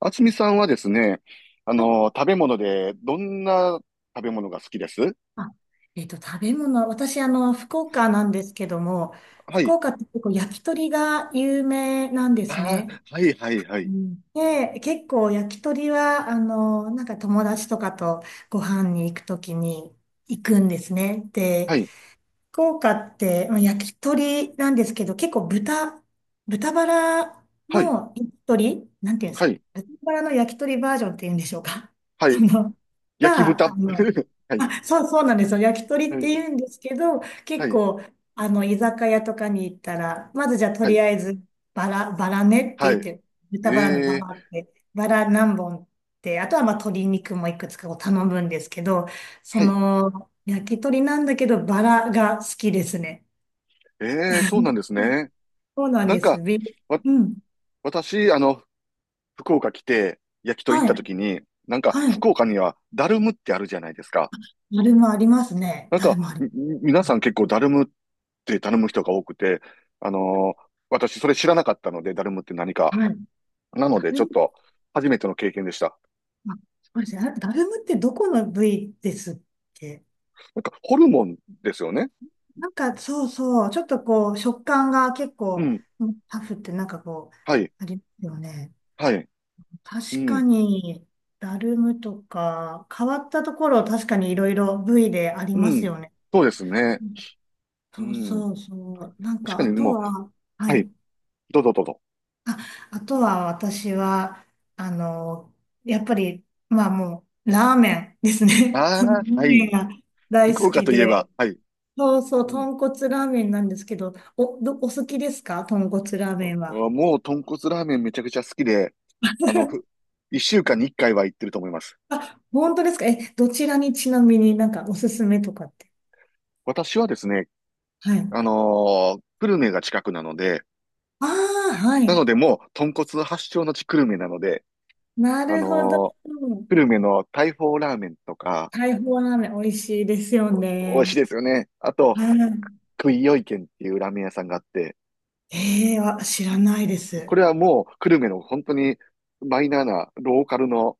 あつみさんはですね、はい。食べ物で、どんな食べ物が好きです？あ、食べ物、私、福岡なんですけども、は福い。岡って結構焼き鳥が有名なんですああ、ね。はい、はい、はうい。ん。で、結構焼き鳥は、なんか友達とかとご飯に行くときに行くんですね。で、はい、福岡って、まあ焼き鳥なんですけど、結構豚バラはい、の焼き鳥、なんていうんではすか、い、豚バラの焼き鳥バージョンっていうんでしょうか。はそい。の、焼きが、あ豚。の、はい、あ、そうなんですよ。焼き鳥っはてい、言うんですけど、は結い、構、居酒屋とかに行ったら、まずじゃあとはりい、あえず、バラ、バラねっはて言っい。て、え豚バラのバえ、ラって、バラ何本って、あとはまあ鶏肉もいくつかを頼むんですけど、そはい。の、焼き鳥なんだけど、バラが好きですね。ええ、そうなんですね。そうなんなんです。か、わ、うん。私、福岡来て、焼き鳥行っはたい。時に、なんか、はい。福岡には、ダルムってあるじゃないですか。だるまありますね。なんだるまか、あります。皆うさん結構ダルムって頼む人が多くて、私それ知らなかったので、ダルムって何か。ん。はい。なのだで、ちょっると、初めての経験でした。ま、あ、そうですね。あ、だるまってどこの部位ですっけ？なんか、ホルモンですよね。なんか、そうそう。ちょっとこう、食感が結う構、ん。うん、タフってなんかこはい。う、ありますよね。はい。う確かん。に、だるむとか、変わったところ、確かにいろいろ部位でありまうすん。よね。そうですね。うそうん。そうそう。なん確か、かあにともう、は、ははい。い。どうぞどうぞ。あ、あとは私は、あの、やっぱり、まあもう、ラーメンですね。あそのあ、ラはーメンい。が大福好岡きといえば、で。はい。そうそう、うん。豚骨ラーメンなんですけど、お好きですか、豚骨ラーあメンは？あもう、豚骨ラーメンめちゃくちゃ好きで、あの、ふ、一週間に一回は行ってると思います。あ、本当ですか？え、どちらに、ちなみに、なんかおすすめとかって。私はですね、はい。久留米が近くなので、ああ、はない。のでもう、豚骨発祥の地久留米なので、なあるほど。のー久留米の大砲ラーメンとか、大砲ラーメン美味しいですよ美味しいね。ですよね。あと、はい。クイヨイ軒っていうラーメン屋さんがあって、ええ、あ、知らないでこす。れはもう、久留米の本当にマイナーなローカルの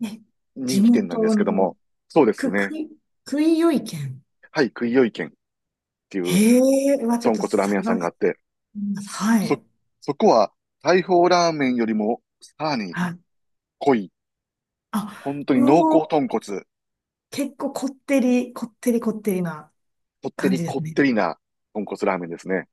ね、人地気店なんで元すけどの、も、そうですく、ね。くい、くいよい県。はい、クイヨイ軒っていうええ、ちょっ豚と骨ラーメン屋さん探がしあってて、みます。はそ、い。そこは、大砲ラーメンよりも、さらにはい。濃い、あ、本当に濃うお厚ー、豚骨。結構こってり、こってりこってりなこって感じりでこすっね。てりな豚骨ラーメンですね。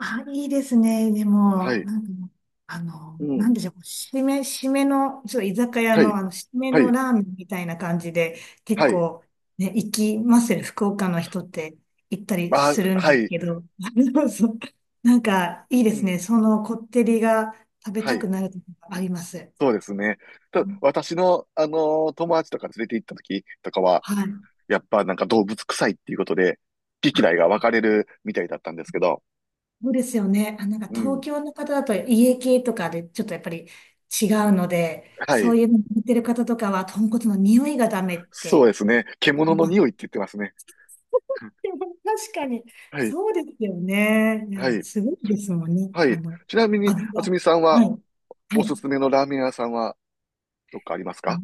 あ、いいですね。ではも、い。なんか、うなん。んでしょう、締めの、ちょっと居酒屋はの、い。締めはのい。ラーメンみたいな感じで、結はい。構、ね、行きますよね、福岡の人って行ったりあ、するんはですい。けど、そう、なんか、いいうですね。ん。そのこってりが食べはたい。くなるときがあります。そうですね。ただ、私の、友達とか連れて行った時とかは、はい。やっぱなんか動物臭いっていうことで、好き嫌いが分かれるみたいだったんですけど。そうですよね。あ、なんかう東ん。京の方だと家系とかでちょっとやっぱり違うので、はそうい。いうの見てる方とかは豚骨の匂いがダメっそうて。ですね。獣のあ、匂いって言ってますね。でも確かに、はい。そうですよね。いはや、い。すごいですもんね。はい。ちなみに、油。渥は美さんは、い。はおすい。すめのラーメン屋さんは、どっかありますあか？の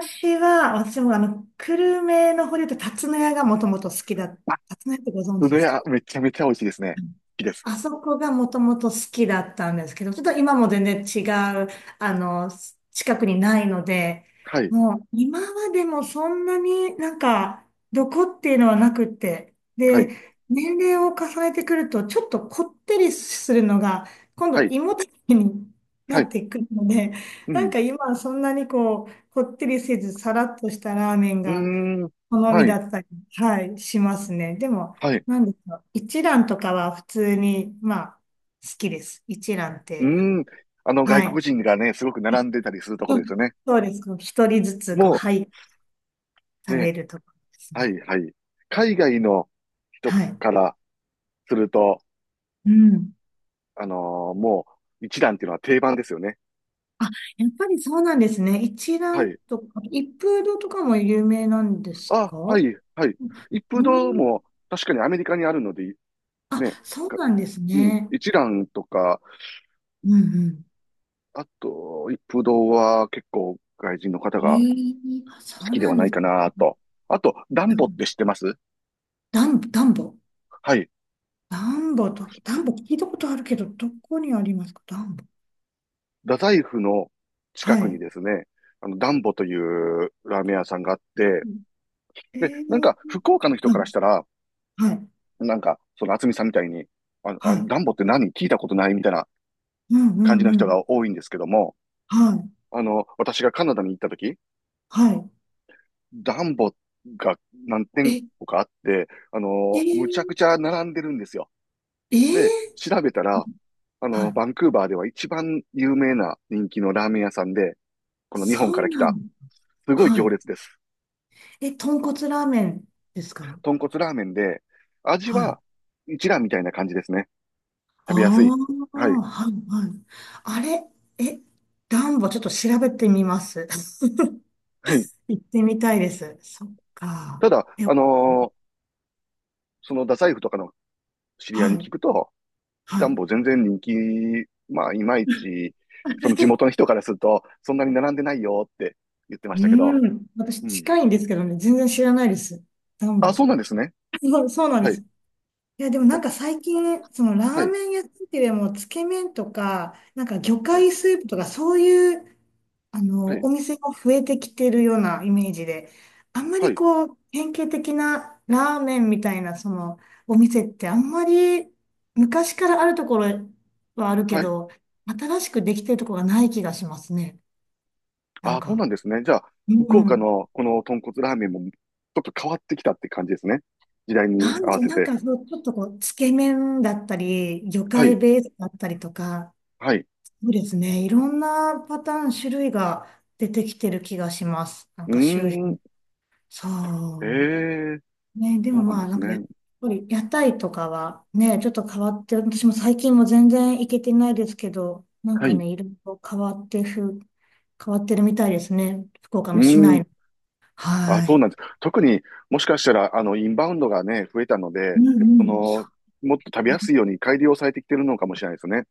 私は、私も久留米の方で言うと、竜田屋がもともと好きだ。竜あ、田屋ってご存そ知でれすか？はめちゃめちゃ美味しいですね。好きです。あそこがもともと好きだったんですけど、ちょっと今も全然違う、あの、近くにないので、はい、もう今までもそんなになんか、どこっていうのはなくって、はで、い、年齢を重ねてくると、ちょっとこってりするのが、今は度い、胃もたれにはなっい、てくるので、うなんん、か今はそんなにこう、こってりせず、さらっとしたラーメンうがーん、好みはい、だったり、はい、しますね。でも、はい、うなんでしょう。一蘭とかは普通に、まあ、好きです。一蘭っーて。ん。外は国い。人がね、すごく並んでたりするとこうろですん。よね。そうです。こう一人ずつ、こう、もはい、う、食ね、べるとかですはね。い、はい。海外の人はかい。らすると、うん。あのーもう、一蘭っていうのは定番ですよね。あ、やっぱりそうなんですね。一は蘭い。とか、一風堂とかも有名なんですあ、はか？い、はい。一う風ん。堂も、確かにアメリカにあるので、あ、ね、そうかなんですうん、ね。一蘭とか、うんうん。あと、一風堂は結構外人の方えがえ、あ、そ好うきでなはんなでいすかなね。と。あと、ダうンボってん。知ってます？ダンボ。はい。ダンボと、ダンボ聞いたことあるけど、どこにありますか、ダンボ。太宰府の近はくにい。ですね、ダンボというラーメン屋さんがあって、えで、なんー、か、福岡の人はい、からしたら、はい、なんか、その、厚みさんみたいに、はい。ダンボって何聞いたことないみたいなうんう感じんのう人ん。が多いんですけども、はい、私がカナダに行った時、はダンボが何い。店え、舗かあって、えむちゃー、くちゃ並んでるんですよ。えで、ー、調べたら、はい。バンクーバーでは一番有名な人気のラーメン屋さんで、この日本そかうら来なの。た、すごいは行い。列です。え、豚骨ラーメンですか？豚骨ラーメンで、味ははい。一蘭みたいな感じですね。あ食べやすい。あ、はい。はい、はい。あれ、え、ダンボちょっと調べてみます。はい。行ってみたいです。そっか。ただ、え、はその太宰府とかの知り合いに聞い、くと、はダい。ンボ全然人気、まあ、いまいち、その地元の人からすると、そんなに並んでないよって言ってましたけど。うん。私うん。近いんですけどね、全然知らないです。暖あ、そ房。うなんですね。そうそうなんではす。い。いや、でもなんかあ最近、そのラはーい。メン屋さんっていうよりも、つけ麺とか、なんか魚はい。介スープとか、そういう、はい。お店も増えてきてるようなイメージで、あんまはりい。こう、典型的なラーメンみたいな、お店ってあんまり、昔からあるところはあるけはい。ど、新しくできてるところがない気がしますね。なあんあ、そうなか。んですね。じゃあ、う福岡ん。のこの豚骨ラーメンもちょっと変わってきたって感じですね。時代になん合でわしょう、せなんて。かそう、ちょっとこう、つけ麺だったり、魚は介い、ベースだったりとか、はい。そうですね、いろんなパターン、種類が出てきてる気がします。なんうーか周辺。ん、えそえ、う。ね、でそもうなんまであ、なすんね。かやっぱり屋台とかはね、ちょっと変わって、私も最近も全然行けてないですけど、なんはかい、ね、いろいろ変わってるみたいですね。福岡うのー市内ん、の。あ、はそうい。なんです。特にもしかしたら、インバウンドがね、増えたのうで、んそうん。の、もっと食べやすいように改良されてきてるのかもしれないですね。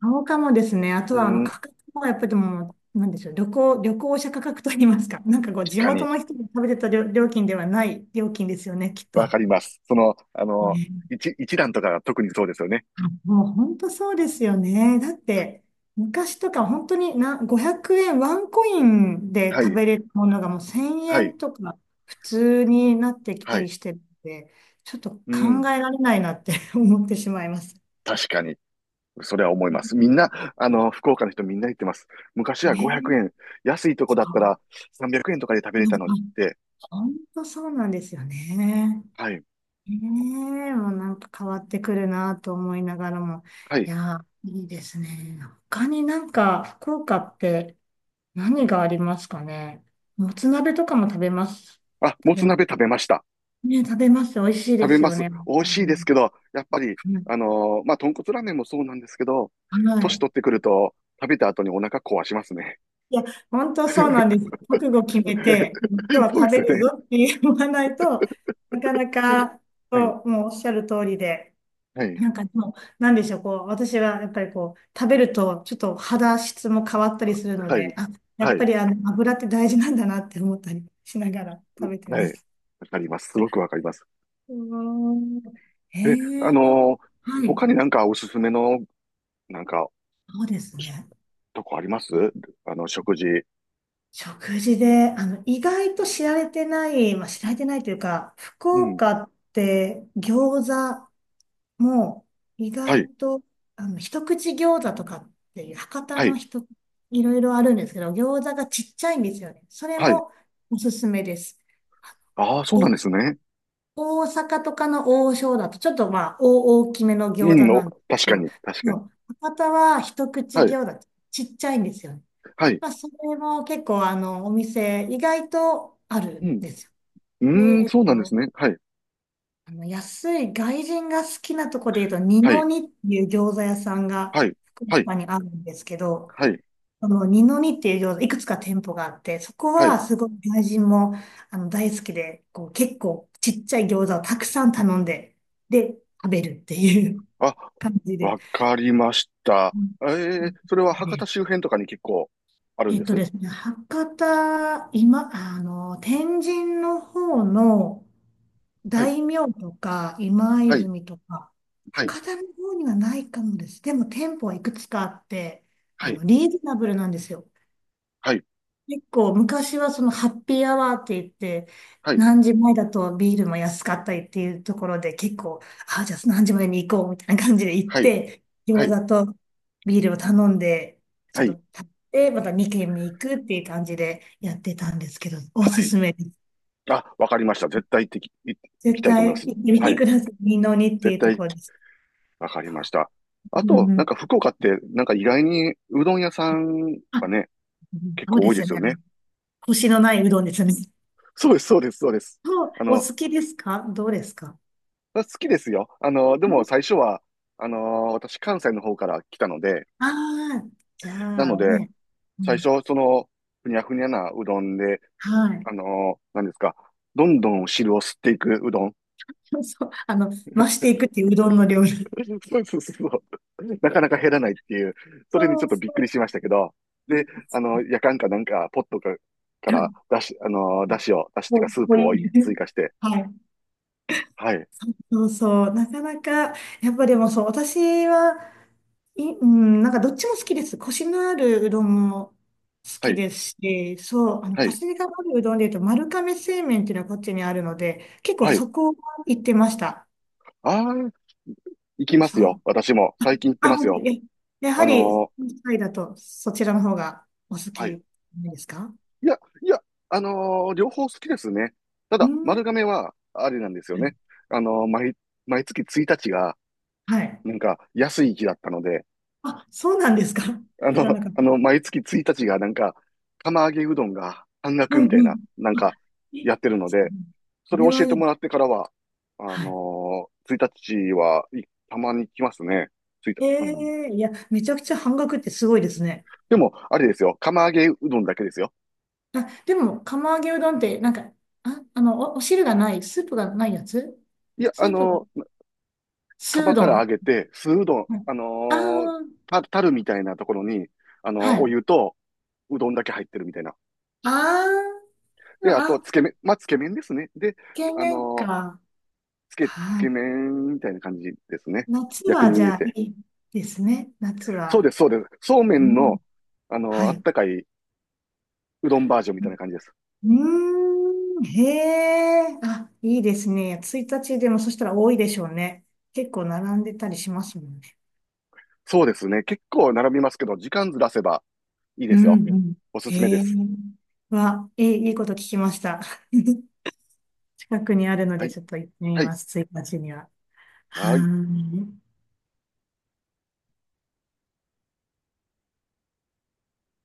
そうかもですね。あとうーは、ん、価格もやっぱりでも、なんでしょう、旅行者価格といいますか、なんかこう、確地か元に、の人が食べてた料料金ではない料金ですよね、きっわと。かります。その、ね、一段とかが特にそうですよね。あ、もう本当そうですよね。だって、昔とか本当にな、500円、ワンコインでは食い、べれるものがもう1000は円い、とか普通になってきはたりい。してるんで、ちょっと考うん、えられないなって 思ってしまいます。確かに。それは思いうます。みんん。な、福岡の人みんな言ってます。昔は500ね、円、安いとこだったそら300円とかで食べれたのにっう、て、本当そうなんですよね。はい、ねえ、もうなんか変わってくるなと思いながらも。はい。いやー、いいですね。他になんか福岡って何がありますかね。もつ鍋とかも食べます。あ、も食べ、つ鍋食べました。ね、食べます。美味しい食でべすまよす。ね。美味食しいべですまけど、やっぱり、す。は豚骨ラーメンもそうなんですけど、い。は年取っいてくると、食べた後にお腹壊しますね。いや、本当そうなんです。覚悟決めて、今日はそうで食すべよるね。ぞって言わないとなかなはい、か、はい、そう、もうおっしゃる通りで。はい、なんかでも、なんでしょう、こう、私はやっぱりこう、食べるとちょっと肌質も変わったりするので、あ、やはっぱい、り油って大事なんだなって思ったりしながら 食べてはい。ます。わかります。すごくわかります。うーん。へえ、え、は他にい。なんかおすすめの、なんかそうですね。とこあります？食事。食事で、意外と知られてない、まあ、知られてないというか、福うん。岡って餃子もう意は外い。と、一口餃子とかっていう博多はのい。人、いろいろあるんですけど、餃子がちっちゃいんですよね。それはい。もおすすめです。ああ、そうなお、んですね。大阪とかの王将だと、ちょっとまあ、大大きめのう餃子ん、お、なんです確けかど、に。確かに。もう博多は一口はい。餃子ちっちゃいんですよね。はい。まあ、それも結構、お店、意外とあるうんん。ですよ。で、うーん、そうなんですね。はい。安い外人が好きなとこで言うと、二はのい。二っていう餃子屋さんがはい。福はい。岡にあるんですけど、はい。その二の二っていう餃子、いくつか店舗があって、そこはい。はすごい外人も大好きで、こう結構ちっちゃい餃子をたくさん頼んで、で、食べるっていう あ、感じで。わかりました。うん。ええ、それは博多で、周辺とかに結構あるんえっでとす？ですね、博多、今、天神の方の、はい。大名とか、今はい。泉とか、はい。高田の方にはないかもです。でも店舗はいくつかあって、はい。リーズナブルなんですよ。はい。結構昔はそのハッピーアワーって言って、はい。何時前だとビールも安かったりっていうところで結構、あ、じゃあ何時までに行こうみたいな感じで行っはい。て、は餃い。子とビールを頼んで、ちはょっい。と食べて、また2軒目行くっていう感じでやってたんですけど、おはすい。すめです。あ、わかりました。絶対行ってき、行行き絶たいと思い対ま行す。ってみはてい。ください。二の二って絶いうと対。ころです。わかりましうた。あんうと、なんん。か福岡って、なんか意外にうどん屋さんあ、がね、結そう構で多いですよすよね。ね。コシのないうどんですね。そうです、そうです、そうです。そう、あおの、好きですかどうですか？好きですよ。でも最初は、私関西の方から来たので、ああー、じゃなあので、ね。う最ん、初、その、ふにゃふにゃなうどんで、はい。何ですか、どんどん汁を吸っていくうどん。そうそう、増していくっていううどんの料理。そうそうそうそう。なかなか減らないっていう、それにちょそっうとびっそくりう。しましたけど、で、やかんかなんか、ポットか、かはらい。出し、出汁を、出汁っていうか、スーもうプいをい。追加して、はい。はい、そうそう。なかなか、やっぱでもそう、私は、うん、なんかどっちも好きです。コシのあるうどんも好はきい、ですし、そう、はコい、シがあるうどんで言うと、丸亀製麺っていうのはこっちにあるので、結構はい。そこは行ってました。ああ、行きまそすよ。う。私も。最近行ってあ、ます本当よ。に。やはあり、のー関イだとそちらの方がお好はきい。なんですか？いや、いや、両方好きですね。たうだ、ん。は丸亀は、あれなんですよね。い。あのー毎、毎月1日が、はい。なんか、安い日だったので、あ、そうなんですか？ 知らなかっ毎月1日がなんか、釜揚げうどんが半た。額うみたんいうな、ん。なんあ、か、えやってるので、こそれれをは教えいてい。もらってからは、はい。1日は、たまに来ますね。ついた、えうん。え、いや、めちゃくちゃ半額ってすごいですね。でも、あれですよ。釜揚げうどんだけですよ。あ、でも、釜揚げうどんって、なんか、あ、お汁がない、スープがないやつ、いや、スープ、ス釜ードから揚ン。げて、酢うどん、はい。あー、あ、たるみたいなところに、はい。おあ湯とうどんだけ入ってるみたいな。あ、で、あと、あ、つけ麺、まあ、つけ麺ですね。で、懸あ念のか。つはけい。麺みたいな感じですね。夏薬は味じ入れゃあいて。いですね。夏そうは。です、そうです。そうめうんん、の、はあい。っうたかいうどんバージョンみたいな感じです。ーん、へえ、あ、いいですね。1日でもそしたら多いでしょうね。結構並んでたりしますもんね。そうですね。結構並びますけど、時間ずらせばいいでうすよ。ん、うん。おすすめでへえ、す。いいこと聞きました。近くにあるのはで、い、ちょっと行ってみはい。ます、1日には。ははい。ーい。